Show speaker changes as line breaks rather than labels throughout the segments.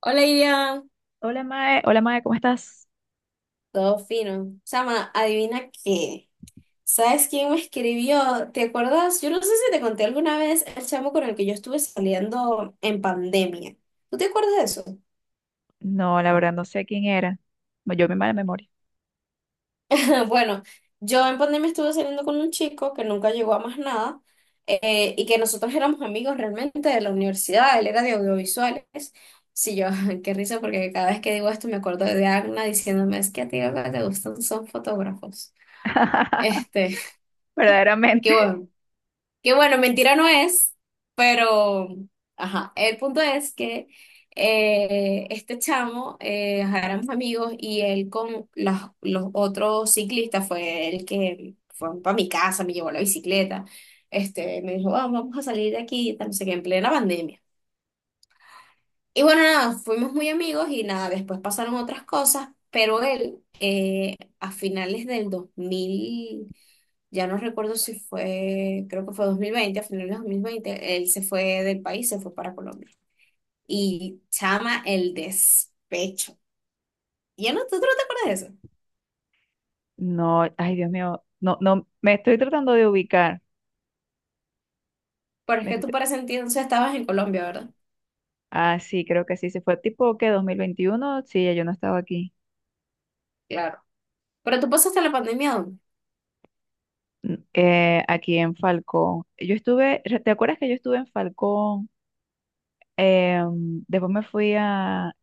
Hola, Iria.
Hola Mae, ¿cómo estás?
Todo fino. Chama, adivina qué. ¿Sabes quién me escribió? ¿Te acuerdas? Yo no sé si te conté alguna vez el chamo con el que yo estuve saliendo en pandemia. ¿Tú te acuerdas de eso?
No, la verdad no sé quién era. No, yo me mala memoria.
Bueno, yo en pandemia estuve saliendo con un chico que nunca llegó a más nada y que nosotros éramos amigos realmente de la universidad. Él era de audiovisuales. Sí, yo, qué risa porque cada vez que digo esto me acuerdo de Agna diciéndome, es que a ti lo que te gustan son fotógrafos. Este, qué
Verdaderamente.
bueno. Que bueno, mentira no es, pero, ajá, el punto es que este chamo, ajá, éramos amigos y él con los otros ciclistas fue el que fue para mi casa, me llevó la bicicleta, me dijo, "Ah, vamos a salir de aquí, y tal, no sé qué, en plena pandemia. Y bueno, nada, fuimos muy amigos y nada, después pasaron otras cosas, pero él a finales del 2000 ya no recuerdo si fue, creo que fue 2020, a finales de 2020 él se fue del país, se fue para Colombia. Y chama el despecho. Ya no, tú no te acuerdas de eso.
No, ay Dios mío, no, no, me estoy tratando de ubicar.
Pero es
Me
que
estoy
tú
tra-
para ese entonces estabas en Colombia, ¿verdad?
ah, sí, creo que sí, se fue tipo que 2021. Sí, ya yo no estaba aquí.
Claro. Pero tú pasaste la pandemia, ¿dónde?
Aquí en Falcón. ¿Te acuerdas que yo estuve en Falcón? Después me fui a,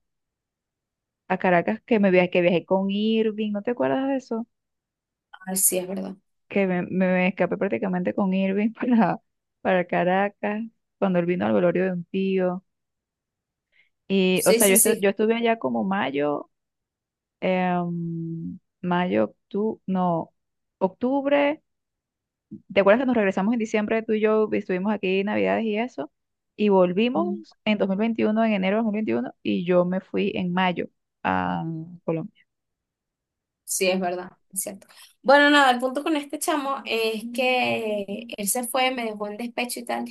a Caracas que viajé con Irving, ¿no te acuerdas de eso?
Ah, sí, es verdad.
Que me escapé prácticamente con Irving para Caracas, cuando él vino al velorio de un tío. Y, o
Sí,
sea,
sí,
yo
sí.
estuve allá como mayo, mayo, octubre, no, octubre. ¿Te acuerdas que nos regresamos en diciembre, tú y yo y estuvimos aquí Navidades y eso? Y
Mm.
volvimos en 2021 en enero de 2021 y yo me fui en mayo a Colombia.
Sí, es verdad, es cierto. Bueno, nada, el punto con este chamo es que él se fue, me dejó en despecho y tal.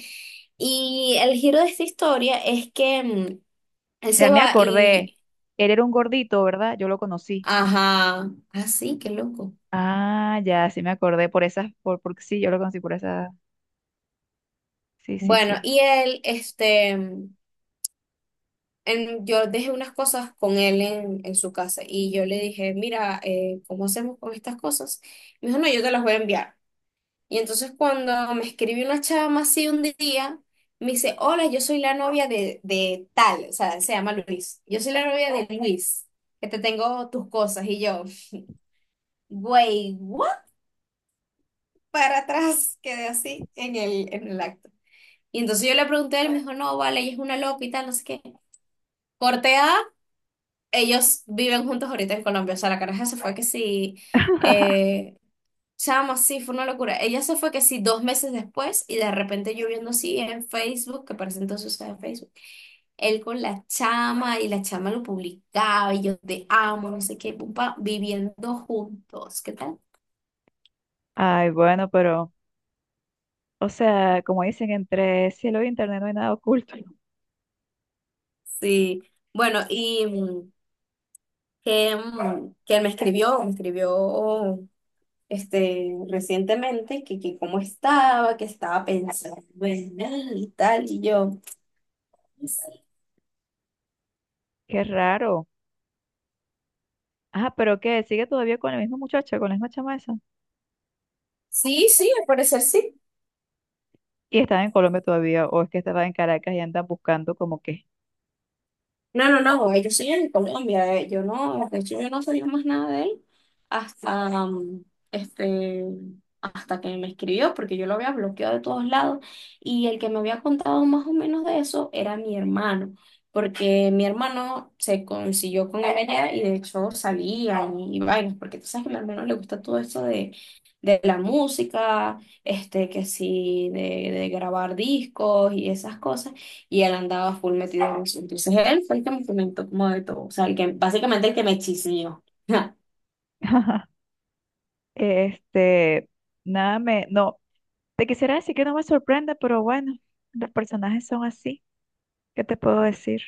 Y el giro de esta historia es que él
Ya
se
me
va
acordé,
y
él era un gordito, ¿verdad? Yo lo conocí.
ajá. Ah, sí, qué loco.
Ah, ya, sí me acordé por esas, porque sí, yo lo conocí por esas. Sí, sí,
Bueno,
sí.
y él, yo dejé unas cosas con él en su casa y yo le dije, mira, ¿cómo hacemos con estas cosas? Me dijo, no, yo te las voy a enviar. Y entonces cuando me escribió una chama así un día, me dice, hola, yo soy la novia de tal, o sea, se llama Luis. Yo soy la novia de Luis, que te tengo tus cosas. Y yo, güey, ¿what? Para atrás, quedé así en en el acto. Y entonces yo le pregunté a él, me dijo, no, vale, ella es una loca y tal, no sé qué. Corte A, ellos viven juntos ahorita en Colombia. O sea, la caraja se fue que sí, eh, chama, sí, fue una locura. Ella se fue que sí dos meses después y de repente yo viendo así en Facebook, que parece entonces usaba Facebook, él con la chama y la chama lo publicaba y yo te amo, no sé qué, pum, pa, viviendo juntos, ¿qué tal?
Ay, bueno, pero, o sea, como dicen, entre cielo y internet no hay nada oculto.
Sí, bueno, y que él me escribió recientemente que cómo estaba, que estaba pensando en él y tal, y yo,
Qué raro. Ah, pero qué, sigue todavía con la misma chama esa.
sí, sí, al parecer sí.
Y estaba en Colombia todavía, o es que estaba en Caracas y andan buscando como que.
No, no, no, ellos siguen en Colombia, yo no, de hecho yo no sabía más nada de él hasta, um, este, hasta que me escribió, porque yo lo había bloqueado de todos lados y el que me había contado más o menos de eso era mi hermano, porque mi hermano se consiguió con él allá y de hecho salían y vainas, porque tú sabes que a mi hermano le gusta todo esto de la música, que sí, de grabar discos y esas cosas y él andaba full metido en eso. Entonces él fue el que me comentó como de todo, o sea, básicamente el que me chismeó.
Este, nada me, no, te quisiera decir que no me sorprende, pero bueno, los personajes son así. ¿Qué te puedo decir?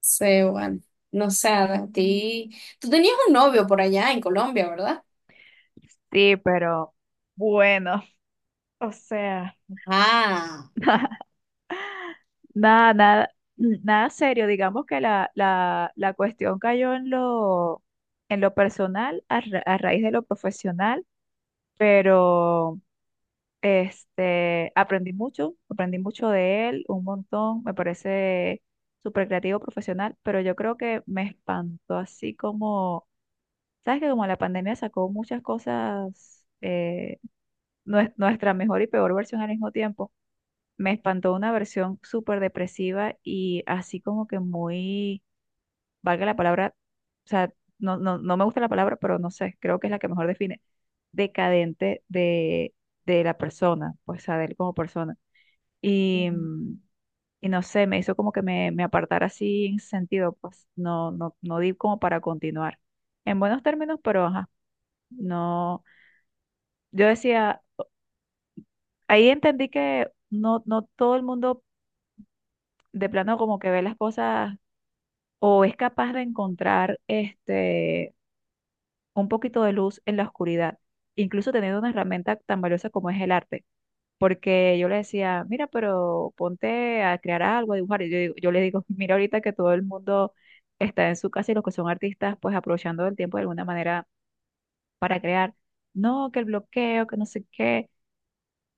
Sí, bueno, no sé, a ti. Tú tenías un novio por allá en Colombia, ¿verdad?
Sí, pero bueno, o sea.
Ah,
Nada, nada, nada serio. Digamos que la cuestión cayó en lo personal a raíz de lo profesional, pero aprendí mucho de él, un montón. Me parece súper creativo profesional, pero yo creo que me espantó así como, ¿sabes que como la pandemia sacó muchas cosas, nuestra mejor y peor versión al mismo tiempo? Me espantó una versión súper depresiva y así como que muy, valga la palabra, o sea, no, no, no me gusta la palabra, pero no sé, creo que es la que mejor define, decadente de la persona, pues, o sea, de él como persona. Y,
ujú.
y no sé, me hizo como que me apartara así en ese sentido, pues, no, no, no di como para continuar. En buenos términos, pero ajá, no, yo decía, ahí entendí que no, no todo el mundo de plano como que ve las cosas o es capaz de encontrar un poquito de luz en la oscuridad, incluso teniendo una herramienta tan valiosa como es el arte. Porque yo le decía, mira, pero ponte a crear algo, a dibujar. Y yo le digo, mira, ahorita que todo el mundo está en su casa y los que son artistas, pues aprovechando el tiempo de alguna manera para crear. No, que el bloqueo, que no sé qué.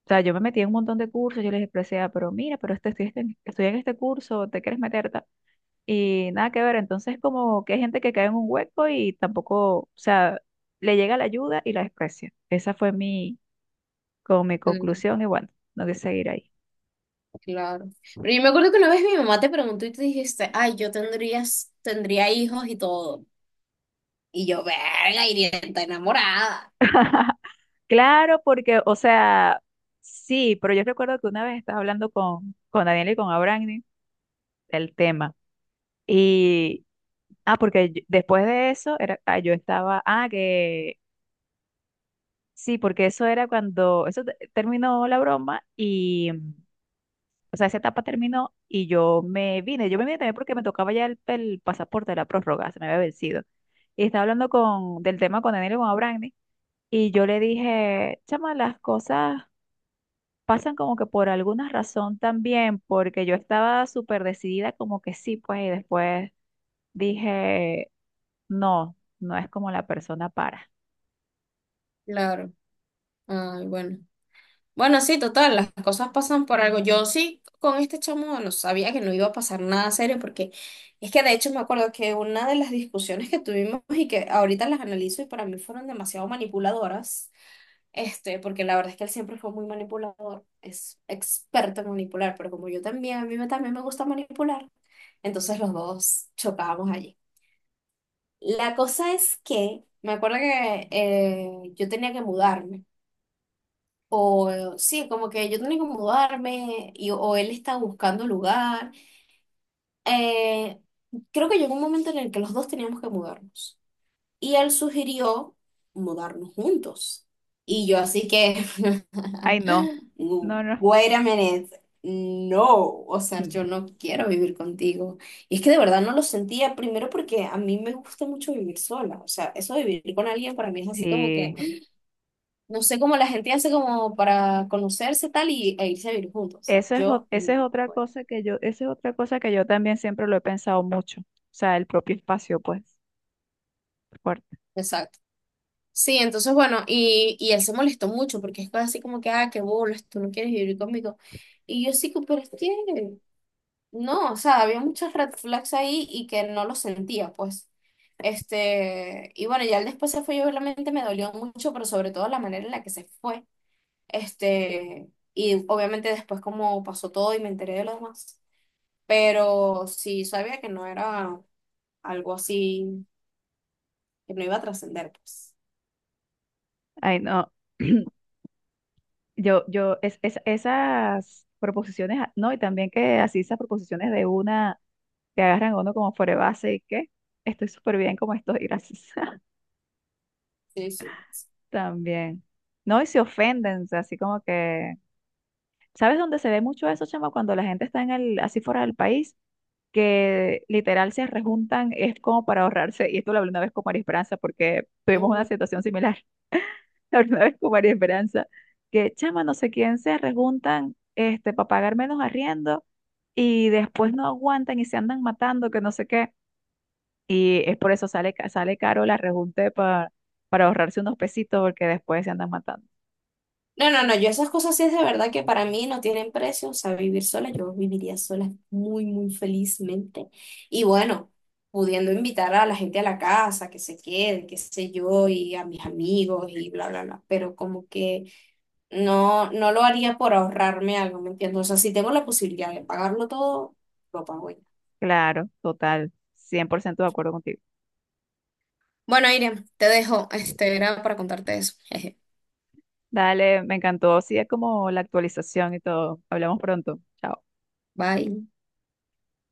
O sea, yo me metí en un montón de cursos, yo les decía, pero mira, pero estoy en este curso, ¿te quieres meter? Y nada que ver, entonces como que hay gente que cae en un hueco y tampoco, o sea, le llega la ayuda y la desprecia. Esa fue como mi
Mm,
conclusión y bueno, no que seguir ahí.
claro. Pero yo me acuerdo que una vez mi mamá te preguntó y tú dijiste, ay, tendría hijos y todo. Y yo, verga, iría tan enamorada.
Claro, porque, o sea, sí, pero yo recuerdo que una vez estaba hablando con Daniel y con Abraham del tema. Y, ah, porque después de eso, era, ah, yo estaba, ah, que sí, porque eso era cuando, terminó la broma. O sea, esa etapa terminó y yo me vine. Yo me vine también porque me tocaba ya el pasaporte de la prórroga, se me había vencido. Y estaba hablando del tema con Daniel y con Abrani. Y yo le dije, chama, las cosas pasan como que por alguna razón también, porque yo estaba súper decidida como que sí, pues, y después dije, no, no es como la persona para.
Claro. Ay, bueno. Bueno, sí, total, las cosas pasan por algo. Yo sí, con este chamo, no sabía que no iba a pasar nada serio, porque es que de hecho me acuerdo que una de las discusiones que tuvimos y que ahorita las analizo y para mí fueron demasiado manipuladoras, porque la verdad es que él siempre fue muy manipulador, es experto en manipular, pero como yo también, también me gusta manipular, entonces los dos chocábamos allí. La cosa es que me acuerdo que yo tenía que mudarme. O como que yo tenía que mudarme y, o él estaba buscando lugar. Eh, creo que llegó un momento en el que los dos teníamos que mudarnos. Y él sugirió mudarnos juntos. Y yo así que,
Ay, no, no, no.
wait a minute, no, o sea, yo no quiero vivir contigo. Y es que de verdad no lo sentía, primero porque a mí me gusta mucho vivir sola. O sea, eso de vivir con alguien para mí es así como que...
Sí.
No sé cómo la gente hace como para conocerse tal e irse a vivir juntos. O sea, yo no puedo.
Esa es otra cosa que yo también siempre lo he pensado mucho. O sea, el propio espacio, pues, fuerte.
Exacto. Sí, entonces bueno, y él se molestó mucho porque es así como que, ah, qué bolas, tú no quieres vivir conmigo. Y yo sí, que, pero es que no, o sea, había muchas red flags ahí y que no lo sentía, pues. Y bueno, ya él después se fue y obviamente me dolió mucho, pero sobre todo la manera en la que se fue. Y obviamente después como pasó todo y me enteré de lo demás. Pero sí sabía que no era algo así, que no iba a trascender, pues.
Ay, no. Esas proposiciones, ah, no, y también que así esas proposiciones de una, que agarran a uno como fuera de base y que estoy súper bien como estoy, gracias.
Sí, sí, pues.
También. No, y se ofenden, o sea, así como que. ¿Sabes dónde se ve mucho eso, chama? Cuando la gente está así fuera del país que literal se rejuntan, es como para ahorrarse, y esto lo hablé una vez con María Esperanza, porque tuvimos una
Ujú.
situación similar, la hablé una vez con María Esperanza, que chama, no sé quién se rejuntan para pagar menos arriendo, y después no aguantan y se andan matando, que no sé qué, y es por eso sale caro la rejunte para ahorrarse unos pesitos, porque después se andan matando.
No, no, no, yo esas cosas sí es de verdad que para mí no tienen precio, o sea, vivir sola, yo viviría sola muy, muy felizmente. Y bueno, pudiendo invitar a la gente a la casa, que se quede, qué sé yo, y a mis amigos y bla, bla, bla, pero como que no, no lo haría por ahorrarme algo, ¿me entiendes? O sea, si tengo la posibilidad de pagarlo todo, lo pago ya.
Claro, total, 100% de acuerdo contigo.
Bueno, Irene, te dejo. Este era para contarte eso. Jeje.
Dale, me encantó, sí, es como la actualización y todo. Hablamos pronto. Chao.
Bye.